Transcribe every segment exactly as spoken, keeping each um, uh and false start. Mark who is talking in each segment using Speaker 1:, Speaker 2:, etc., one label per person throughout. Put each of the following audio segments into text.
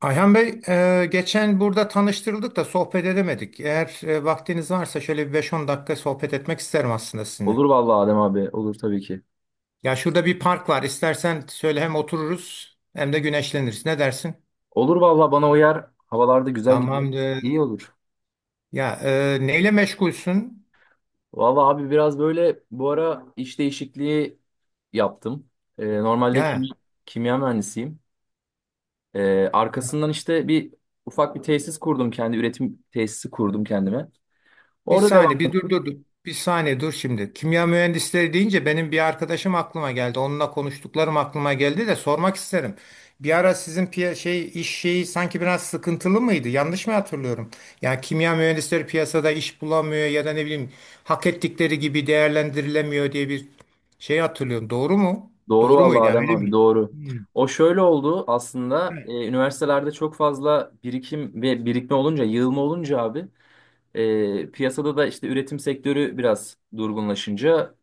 Speaker 1: Ayhan Bey, e, geçen burada tanıştırıldık da sohbet edemedik. Eğer e, vaktiniz varsa şöyle bir beş on dakika sohbet etmek isterim aslında sizinle.
Speaker 2: Olur vallahi Adem abi. Olur tabii ki.
Speaker 1: Ya şurada bir park var. İstersen söyle hem otururuz hem de güneşleniriz. Ne dersin?
Speaker 2: Olur vallahi bana uyar. Havalarda güzel gidiyor.
Speaker 1: Tamam. E,
Speaker 2: İyi olur.
Speaker 1: ya, e, neyle meşgulsün?
Speaker 2: Vallahi abi biraz böyle bu ara iş değişikliği yaptım. Ee, normalde kim,
Speaker 1: Ya,
Speaker 2: kimya mühendisiyim. Ee, arkasından işte bir ufak bir tesis kurdum, kendi üretim tesisi kurdum kendime.
Speaker 1: bir
Speaker 2: Orada devam.
Speaker 1: saniye, bir dur dur dur. Bir saniye dur şimdi. Kimya mühendisleri deyince benim bir arkadaşım aklıma geldi. Onunla konuştuklarım aklıma geldi de sormak isterim. Bir ara sizin piya şey iş şeyi sanki biraz sıkıntılı mıydı? Yanlış mı hatırlıyorum? Yani kimya mühendisleri piyasada iş bulamıyor ya da ne bileyim hak ettikleri gibi değerlendirilemiyor diye bir şey hatırlıyorum. Doğru mu?
Speaker 2: Doğru
Speaker 1: Doğru
Speaker 2: vallahi
Speaker 1: muydu? Yani
Speaker 2: Adem
Speaker 1: öyle
Speaker 2: abi,
Speaker 1: miydi?
Speaker 2: doğru.
Speaker 1: Hmm.
Speaker 2: O şöyle oldu aslında, e, üniversitelerde çok fazla birikim ve birikme olunca, yığılma olunca abi. E, piyasada da işte üretim sektörü biraz durgunlaşınca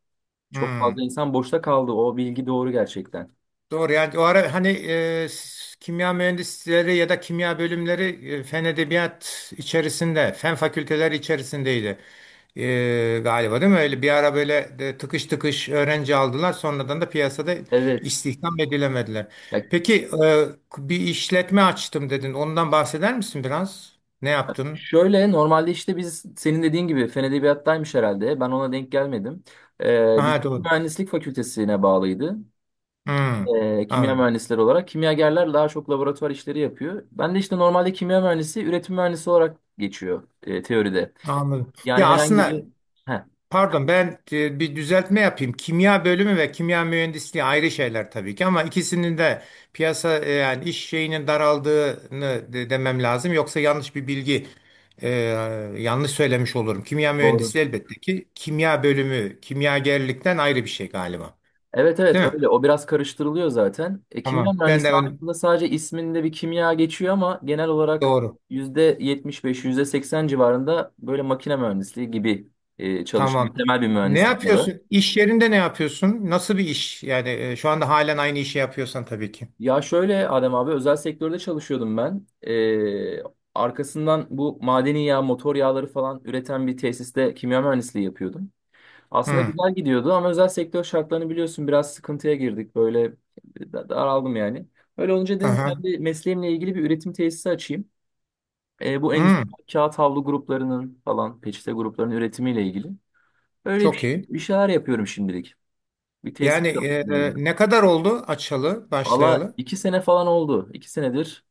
Speaker 2: çok fazla
Speaker 1: Hmm.
Speaker 2: insan boşta kaldı. O bilgi doğru gerçekten.
Speaker 1: Doğru, yani o ara hani e, s- kimya mühendisleri ya da kimya bölümleri e, fen edebiyat içerisinde, fen fakülteleri içerisindeydi. E, galiba değil mi? Öyle bir ara böyle de tıkış tıkış öğrenci aldılar. Sonradan da piyasada
Speaker 2: Evet.
Speaker 1: istihdam edilemediler.
Speaker 2: Ya
Speaker 1: Peki e, bir işletme açtım dedin. Ondan bahseder misin biraz? Ne yaptın?
Speaker 2: şöyle, normalde işte biz senin dediğin gibi fen edebiyattaymış herhalde. Ben ona denk gelmedim. Ee, biz
Speaker 1: Ha, doğru.
Speaker 2: mühendislik fakültesine bağlıydı.
Speaker 1: Hmm,
Speaker 2: Ee, kimya
Speaker 1: anladım.
Speaker 2: mühendisleri olarak. Kimyagerler daha çok laboratuvar işleri yapıyor. Ben de işte normalde kimya mühendisi, üretim mühendisi olarak geçiyor e, teoride.
Speaker 1: Anladım.
Speaker 2: Yani
Speaker 1: Ya
Speaker 2: herhangi bir...
Speaker 1: aslında,
Speaker 2: Heh,
Speaker 1: pardon, ben e, bir düzeltme yapayım. Kimya bölümü ve kimya mühendisliği ayrı şeyler tabii ki, ama ikisinin de piyasa, e, yani iş şeyinin daraldığını de- demem lazım. Yoksa yanlış bir bilgi, e, yanlış söylemiş olurum. Kimya
Speaker 2: doğru.
Speaker 1: mühendisliği elbette ki kimya bölümü kimyagerlikten ayrı bir şey galiba.
Speaker 2: Evet, evet
Speaker 1: Değil mi?
Speaker 2: öyle. O biraz karıştırılıyor zaten. E, kimya
Speaker 1: Tamam. Ben
Speaker 2: mühendisliği
Speaker 1: de ön-
Speaker 2: aslında sadece isminde bir kimya geçiyor, ama genel olarak
Speaker 1: doğru.
Speaker 2: yüzde yetmiş beş yüzde seksen civarında böyle makine mühendisliği gibi e, çalışan
Speaker 1: Tamam.
Speaker 2: temel bir
Speaker 1: Ne
Speaker 2: mühendislik dalı.
Speaker 1: yapıyorsun? İş yerinde ne yapıyorsun? Nasıl bir iş? Yani e, şu anda halen aynı işi yapıyorsan tabii ki.
Speaker 2: Ya şöyle Adem abi, özel sektörde çalışıyordum ben. E, arkasından bu madeni yağ, motor yağları falan üreten bir tesiste kimya mühendisliği yapıyordum. Aslında
Speaker 1: Hı.
Speaker 2: güzel gidiyordu ama özel sektör şartlarını biliyorsun, biraz sıkıntıya girdik. Böyle da- daraldım yani. Öyle olunca dedim
Speaker 1: Aha.
Speaker 2: kendi mesleğimle ilgili bir üretim tesisi açayım. E, bu endüstri
Speaker 1: Hı.
Speaker 2: kağıt havlu gruplarının falan, peçete gruplarının üretimiyle ilgili. Öyle bir,
Speaker 1: Çok
Speaker 2: şey-
Speaker 1: iyi.
Speaker 2: bir şeyler yapıyorum şimdilik. Bir tesis
Speaker 1: Yani e,
Speaker 2: yapıyorum.
Speaker 1: ne kadar oldu açalı,
Speaker 2: Valla
Speaker 1: başlayalı?
Speaker 2: iki sene falan oldu. İki senedir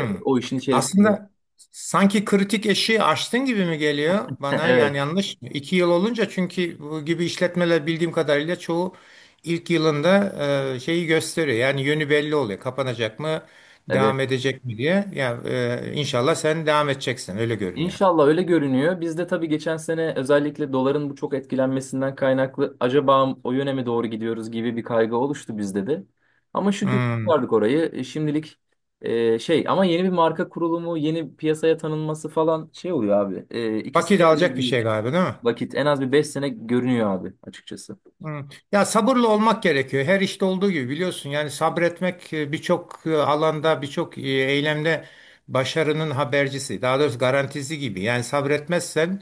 Speaker 2: e, o işin içerisinde.
Speaker 1: Aslında sanki kritik eşiği aştın gibi mi geliyor bana? Yani
Speaker 2: Evet.
Speaker 1: yanlış mı? İki yıl olunca, çünkü bu gibi işletmeler bildiğim kadarıyla çoğu ilk yılında e, şeyi gösteriyor. Yani yönü belli oluyor. Kapanacak mı,
Speaker 2: Evet.
Speaker 1: devam edecek mi diye. Ya, e, inşallah sen devam edeceksin. Öyle görünüyor.
Speaker 2: İnşallah öyle görünüyor. Biz de tabii geçen sene özellikle doların bu çok etkilenmesinden kaynaklı acaba o yöne mi doğru gidiyoruz gibi bir kaygı oluştu bizde de. Ama şükür
Speaker 1: Hmm.
Speaker 2: kurtardık orayı. E, Şimdilik e, şey, ama yeni bir marka kurulumu, yeni piyasaya tanınması falan şey oluyor abi. E, iki
Speaker 1: Vakit
Speaker 2: sene bile
Speaker 1: alacak bir
Speaker 2: değil.
Speaker 1: şey galiba, değil mi?
Speaker 2: Vakit en az bir beş sene görünüyor abi, açıkçası.
Speaker 1: Hı. Ya, sabırlı olmak gerekiyor. Her işte olduğu gibi biliyorsun. Yani sabretmek e, birçok e, alanda, birçok e, eylemde başarının habercisi. Daha doğrusu garantisi gibi. Yani sabretmezsen,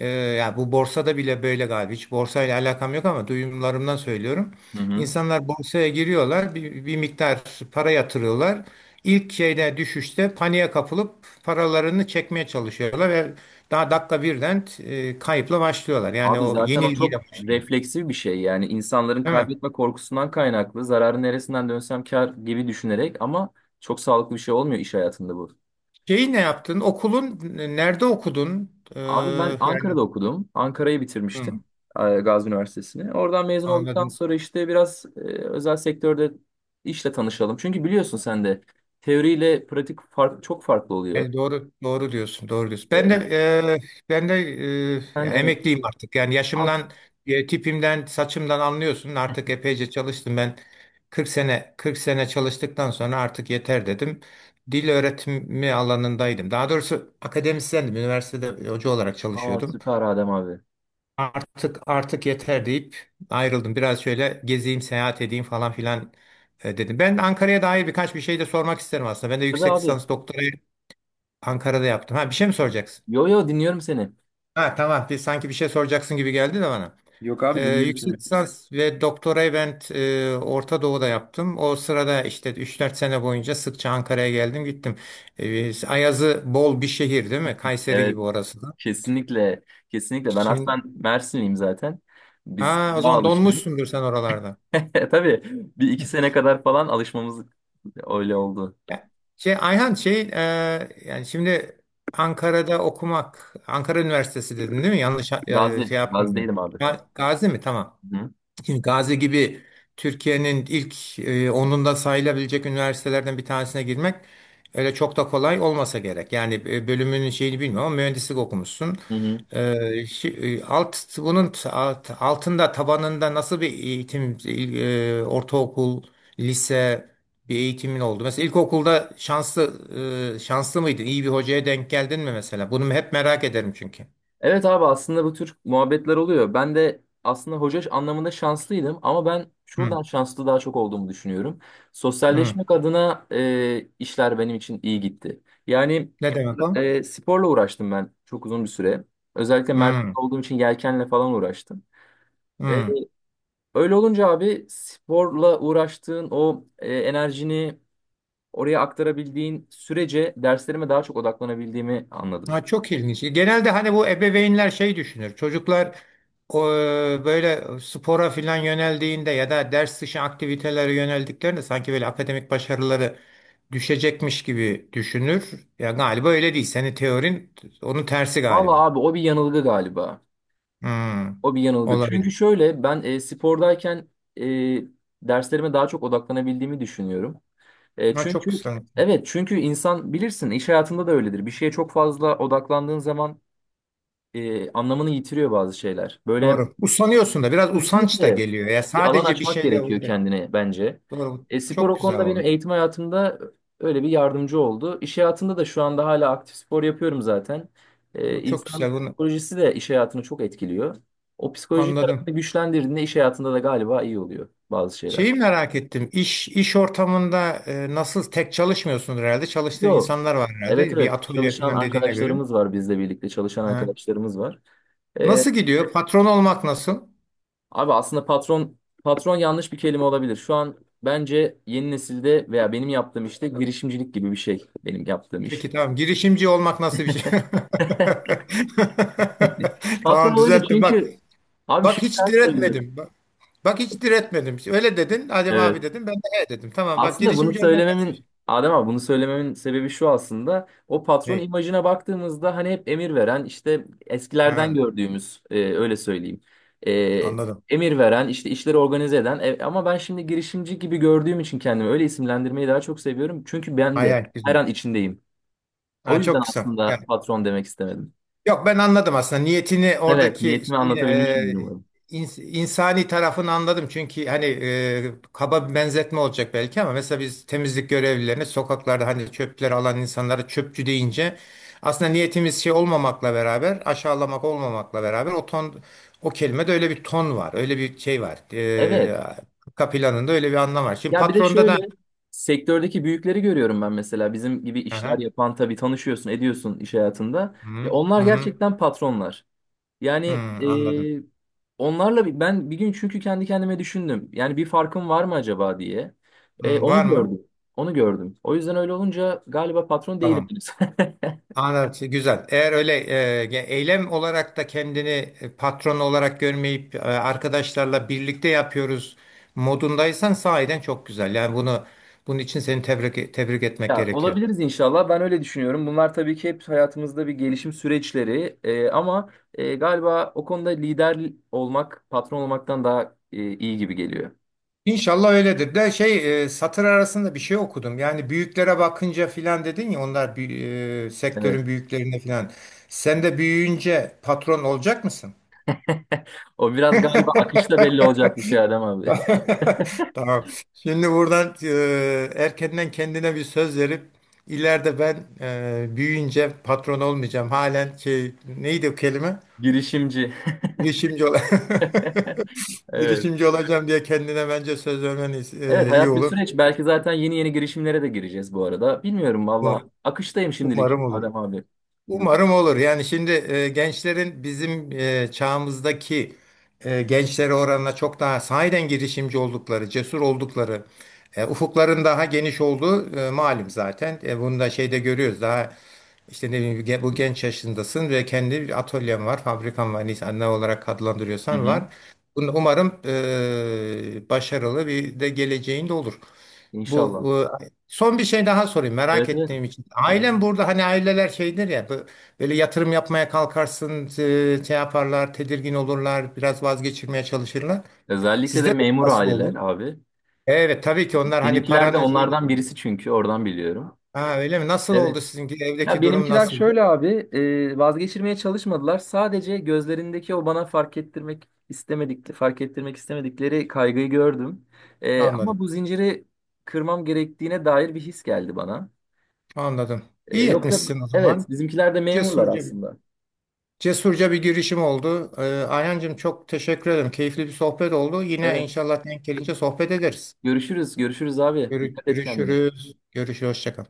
Speaker 1: e, ya bu borsada bile böyle galiba. Hiç borsayla alakam yok ama duyumlarımdan söylüyorum.
Speaker 2: Hı hı.
Speaker 1: İnsanlar borsaya giriyorlar, bir, bir miktar para yatırıyorlar. İlk şeyde, düşüşte paniğe kapılıp paralarını çekmeye çalışıyorlar ve daha dakika birden e, kayıpla başlıyorlar. Yani
Speaker 2: Abi
Speaker 1: o
Speaker 2: zaten o
Speaker 1: yenilgiyle
Speaker 2: çok
Speaker 1: başlıyor,
Speaker 2: refleksif bir şey, yani insanların
Speaker 1: değil mi?
Speaker 2: kaybetme korkusundan kaynaklı zararı neresinden dönsem kar gibi düşünerek, ama çok sağlıklı bir şey olmuyor iş hayatında bu.
Speaker 1: Şeyi ne yaptın? Okulun nerede okudun? Ee,
Speaker 2: Abi ben
Speaker 1: Yani,
Speaker 2: Ankara'da okudum. Ankara'yı
Speaker 1: hı,
Speaker 2: bitirmiştim, e, Gazi Üniversitesi'ni. Oradan mezun olduktan
Speaker 1: anladım.
Speaker 2: sonra işte biraz e, özel sektörde işle tanışalım. Çünkü biliyorsun sen de teoriyle pratik fark, çok farklı oluyor.
Speaker 1: Yani doğru, doğru diyorsun. Doğru diyorsun. Ben de
Speaker 2: E,
Speaker 1: e, ben de e,
Speaker 2: Ben
Speaker 1: ya,
Speaker 2: evet.
Speaker 1: emekliyim artık. Yani
Speaker 2: Aa,
Speaker 1: yaşımdan, e, tipimden, saçımdan anlıyorsun. Artık epeyce çalıştım ben. kırk sene, kırk sene çalıştıktan sonra artık yeter dedim. Dil öğretimi alanındaydım. Daha doğrusu akademisyendim. Üniversitede hoca olarak
Speaker 2: aa,
Speaker 1: çalışıyordum.
Speaker 2: süper Adem abi.
Speaker 1: Artık, artık yeter deyip ayrıldım. Biraz şöyle gezeyim, seyahat edeyim falan filan, e, dedim. Ben Ankara'ya dair birkaç bir şey de sormak isterim aslında. Ben de
Speaker 2: Tabii
Speaker 1: yüksek
Speaker 2: abi.
Speaker 1: lisans doktorayı Ankara'da yaptım. Ha, bir şey mi soracaksın?
Speaker 2: Yo yo, dinliyorum seni.
Speaker 1: Ha, tamam. Bir, sanki bir şey soracaksın gibi geldi de bana.
Speaker 2: Yok
Speaker 1: Ee,
Speaker 2: abi, dinliyorum seni.
Speaker 1: yüksek lisans ve doktorayı ben e, Orta Doğu'da yaptım. O sırada işte üç dört sene boyunca sıkça Ankara'ya geldim gittim. Ee, Ayazı bol bir şehir değil mi? Kayseri
Speaker 2: Evet.
Speaker 1: gibi orası da.
Speaker 2: Kesinlikle, kesinlikle. Ben
Speaker 1: Şimdi,
Speaker 2: aslen Mersinliyim zaten. Biz
Speaker 1: ha, o
Speaker 2: daha
Speaker 1: zaman
Speaker 2: alışkınız.
Speaker 1: donmuşsundur sen oralarda.
Speaker 2: Tabii bir iki sene kadar falan alışmamız öyle oldu.
Speaker 1: Ya, Şey Ayhan, şey e, yani şimdi Ankara'da okumak, Ankara Üniversitesi dedin değil mi? Yanlış e,
Speaker 2: Gazi,
Speaker 1: şey yapmıyorum.
Speaker 2: Gazi'deydim abi.
Speaker 1: Ga- Gazi mi? Tamam.
Speaker 2: Hı hı.
Speaker 1: Şimdi Gazi gibi Türkiye'nin ilk e, onunda sayılabilecek üniversitelerden bir tanesine girmek öyle çok da kolay olmasa gerek. Yani e, bölümünün şeyini bilmiyorum ama mühendislik okumuşsun.
Speaker 2: Hı.
Speaker 1: E, şi- e, alt bunun t- alt- altında, tabanında nasıl bir eğitim, e, ortaokul, lise bir eğitimin oldu? Mesela ilkokulda şanslı e, şanslı mıydın? İyi bir hocaya denk geldin mi mesela? Bunu hep merak ederim çünkü.
Speaker 2: Evet abi, aslında bu tür muhabbetler oluyor. Ben de aslında hoca anlamında şanslıydım, ama ben
Speaker 1: Hı,
Speaker 2: şuradan şanslı daha çok olduğumu düşünüyorum.
Speaker 1: hı.
Speaker 2: Sosyalleşmek adına e, işler benim için iyi gitti. Yani
Speaker 1: Ne demek o?
Speaker 2: e, sporla uğraştım ben çok uzun bir süre. Özellikle Mersin'de
Speaker 1: Hı,
Speaker 2: olduğum için yelkenle falan uğraştım. E,
Speaker 1: hı.
Speaker 2: Öyle olunca abi, sporla uğraştığın o e, enerjini oraya aktarabildiğin sürece derslerime daha çok odaklanabildiğimi anladım.
Speaker 1: Ha, çok ilginç. Genelde hani bu ebeveynler şey düşünür. Çocuklar, o, böyle spora filan yöneldiğinde ya da ders dışı aktivitelere yöneldiklerinde sanki böyle akademik başarıları düşecekmiş gibi düşünür. Ya galiba öyle değil. Senin teorin onun tersi
Speaker 2: Vallahi
Speaker 1: galiba.
Speaker 2: abi, o bir yanılgı galiba.
Speaker 1: Hmm,
Speaker 2: O bir yanılgı. Çünkü
Speaker 1: olabilir.
Speaker 2: şöyle, ben e, spordayken e, derslerime daha çok odaklanabildiğimi düşünüyorum. E,
Speaker 1: Ha, çok
Speaker 2: çünkü
Speaker 1: güzel.
Speaker 2: evet, çünkü insan bilirsin, iş hayatında da öyledir. Bir şeye çok fazla odaklandığın zaman e, anlamını yitiriyor bazı şeyler. Böyle.
Speaker 1: Doğru. Usanıyorsun da, biraz usanç da
Speaker 2: Kesinlikle,
Speaker 1: geliyor. Ya
Speaker 2: bir alan
Speaker 1: sadece bir
Speaker 2: açmak
Speaker 1: şeyle
Speaker 2: gerekiyor
Speaker 1: uğraş.
Speaker 2: kendine bence.
Speaker 1: Doğru.
Speaker 2: E, spor
Speaker 1: Çok
Speaker 2: o
Speaker 1: güzel
Speaker 2: konuda benim
Speaker 1: olmuş.
Speaker 2: eğitim hayatımda öyle bir yardımcı oldu. İş hayatında da şu anda hala aktif spor yapıyorum zaten. E,
Speaker 1: Bu çok
Speaker 2: insan
Speaker 1: güzel. Bunu
Speaker 2: psikolojisi de iş hayatını çok etkiliyor. O psikoloji
Speaker 1: anladım.
Speaker 2: tarafını güçlendirdiğinde iş hayatında da galiba iyi oluyor bazı şeyler.
Speaker 1: Şeyi merak ettim. İş iş ortamında e, nasıl, tek çalışmıyorsun herhalde? Çalıştığın
Speaker 2: Yo,
Speaker 1: insanlar var
Speaker 2: evet
Speaker 1: herhalde. Bir
Speaker 2: evet,
Speaker 1: atölye
Speaker 2: çalışan
Speaker 1: falan dediğine göre.
Speaker 2: arkadaşlarımız var, bizle birlikte çalışan
Speaker 1: Ha.
Speaker 2: arkadaşlarımız var. E,
Speaker 1: Nasıl gidiyor? Patron olmak nasıl?
Speaker 2: Abi aslında patron patron yanlış bir kelime olabilir. Şu an bence yeni nesilde veya benim yaptığım işte girişimcilik gibi bir şey benim yaptığım iş.
Speaker 1: Peki, tamam. Girişimci olmak nasıl bir şey?
Speaker 2: Patron
Speaker 1: Tamam,
Speaker 2: olunca
Speaker 1: düzelttim. Bak,
Speaker 2: çünkü abi, şu
Speaker 1: bak hiç
Speaker 2: yüzden söylüyorum.
Speaker 1: diretmedim. Bak, bak hiç diretmedim. Öyle dedin. Adem abi
Speaker 2: Evet.
Speaker 1: dedim. Ben de he dedim. Tamam, bak,
Speaker 2: Aslında bunu
Speaker 1: girişimci olmak nasıl bir şey?
Speaker 2: söylememin Adem abi bunu söylememin sebebi şu aslında. O patron
Speaker 1: Ne?
Speaker 2: imajına baktığımızda, hani hep emir veren, işte eskilerden
Speaker 1: Ha,
Speaker 2: gördüğümüz, e, öyle söyleyeyim. E,
Speaker 1: anladım.
Speaker 2: Emir veren, işte işleri organize eden. E, ama ben şimdi girişimci gibi gördüğüm için kendimi öyle isimlendirmeyi daha çok seviyorum. Çünkü ben
Speaker 1: Hay
Speaker 2: de
Speaker 1: hay,
Speaker 2: her
Speaker 1: güzel.
Speaker 2: an içindeyim. O
Speaker 1: Ha,
Speaker 2: yüzden
Speaker 1: çok kısa.
Speaker 2: aslında patron demek istemedim.
Speaker 1: Yok, ben anladım aslında niyetini,
Speaker 2: Evet,
Speaker 1: oradaki
Speaker 2: niyetimi
Speaker 1: şeyi,
Speaker 2: anlatabilmişim
Speaker 1: e,
Speaker 2: umarım.
Speaker 1: ins- insani tarafını anladım. Çünkü hani e, kaba bir benzetme olacak belki ama mesela biz temizlik görevlilerine, sokaklarda hani çöpleri alan insanlara çöpçü deyince aslında niyetimiz şey olmamakla beraber, aşağılamak olmamakla beraber, o ton, o kelimede öyle bir ton var. Öyle bir şey var. E,
Speaker 2: Evet.
Speaker 1: arka planında öyle bir anlam var. Şimdi
Speaker 2: Ya bir de
Speaker 1: patronda
Speaker 2: şöyle,
Speaker 1: da
Speaker 2: sektördeki büyükleri görüyorum ben mesela bizim gibi işler
Speaker 1: Aha,
Speaker 2: yapan, tabii tanışıyorsun ediyorsun iş hayatında. Ya
Speaker 1: hı,
Speaker 2: onlar
Speaker 1: hı, hı,
Speaker 2: gerçekten patronlar.
Speaker 1: hı,
Speaker 2: Yani
Speaker 1: anladım.
Speaker 2: e, onlarla bir- ben bir gün çünkü kendi kendime düşündüm. Yani bir farkım var mı acaba diye. E,
Speaker 1: Hı, var
Speaker 2: onu
Speaker 1: mı?
Speaker 2: gördüm. Onu gördüm. O yüzden öyle olunca galiba patron değilim
Speaker 1: Tamam.
Speaker 2: henüz.
Speaker 1: Anladım. Güzel. Eğer öyle, e, ge- eylem olarak da kendini e, patron olarak görmeyip, e, arkadaşlarla birlikte yapıyoruz modundaysan, sahiden çok güzel. Yani bunu bunun için seni tebrik tebrik etmek
Speaker 2: Ya
Speaker 1: gerekiyor.
Speaker 2: olabiliriz inşallah. Ben öyle düşünüyorum. Bunlar tabii ki hep hayatımızda bir gelişim süreçleri. Ee, ama e, galiba o konuda lider olmak patron olmaktan daha e, iyi gibi geliyor.
Speaker 1: İnşallah öyledir. De, şey e, satır arasında bir şey okudum. Yani büyüklere bakınca filan dedin ya, onlar büyü- e,
Speaker 2: Evet.
Speaker 1: sektörün büyüklerine filan. Sen de büyüyünce patron olacak mısın?
Speaker 2: O biraz galiba akışta belli olacak bir şey Adem abi.
Speaker 1: Tamam. Şimdi buradan e, erkenden kendine bir söz verip ileride ben e, büyüyünce patron olmayacağım. Halen şey, neydi o kelime?
Speaker 2: Girişimci.
Speaker 1: Girişimci ol
Speaker 2: Evet.
Speaker 1: girişimci olacağım diye kendine bence söz vermen
Speaker 2: Evet,
Speaker 1: e, iyi
Speaker 2: hayat bir
Speaker 1: olur.
Speaker 2: süreç. Belki zaten yeni yeni girişimlere de gireceğiz bu arada. Bilmiyorum valla. Akıştayım şimdilik
Speaker 1: Umarım olur.
Speaker 2: Adem abi. Dur.
Speaker 1: Umarım olur. Yani şimdi e, gençlerin bizim e, çağımızdaki e, gençlere oranla çok daha sahiden girişimci oldukları, cesur oldukları, e, ufukların daha geniş olduğu e, malum zaten. E, bunu da şeyde görüyoruz. Daha işte ne bileyim, ge- bu genç yaşındasın ve kendi bir atölyen var, fabrikan var. Neyse, ne olarak
Speaker 2: Hı
Speaker 1: adlandırıyorsan
Speaker 2: hı.
Speaker 1: var. Bunu umarım e, başarılı bir de geleceğin de olur.
Speaker 2: İnşallah.
Speaker 1: Bu e, Son bir şey daha sorayım merak
Speaker 2: Evet evet.
Speaker 1: ettiğim için.
Speaker 2: Adem abi.
Speaker 1: Ailem burada, hani aileler şeydir ya, bu- böyle yatırım yapmaya kalkarsın, e, şey yaparlar, tedirgin olurlar, biraz vazgeçirmeye çalışırlar.
Speaker 2: Özellikle
Speaker 1: Sizde
Speaker 2: de
Speaker 1: de
Speaker 2: memur
Speaker 1: nasıl
Speaker 2: aileler
Speaker 1: oldu?
Speaker 2: abi.
Speaker 1: Evet, tabii ki onlar hani
Speaker 2: Benimkiler de
Speaker 1: paranın şeyini,
Speaker 2: onlardan birisi, çünkü oradan biliyorum.
Speaker 1: ha, öyle mi? Nasıl
Speaker 2: Evet.
Speaker 1: oldu sizinki,
Speaker 2: Ya
Speaker 1: evdeki durum
Speaker 2: benimkiler
Speaker 1: nasıldı?
Speaker 2: şöyle abi, e, vazgeçirmeye çalışmadılar. Sadece gözlerindeki o bana fark ettirmek istemedik, fark ettirmek istemedikleri kaygıyı gördüm. E, ama
Speaker 1: Anladım,
Speaker 2: bu zinciri kırmam gerektiğine dair bir his geldi bana.
Speaker 1: anladım.
Speaker 2: E,
Speaker 1: İyi
Speaker 2: yoksa
Speaker 1: etmişsin o
Speaker 2: evet,
Speaker 1: zaman.
Speaker 2: bizimkiler de memurlar
Speaker 1: Cesurca bir,
Speaker 2: aslında.
Speaker 1: cesurca bir girişim oldu. Ee, Ayhancığım, çok teşekkür ederim. Keyifli bir sohbet oldu. Yine
Speaker 2: Evet,
Speaker 1: inşallah denk gelince sohbet ederiz.
Speaker 2: görüşürüz, görüşürüz abi.
Speaker 1: Görü-
Speaker 2: Dikkat et kendine.
Speaker 1: Görüşürüz. Görüşürüz. Hoşça kal.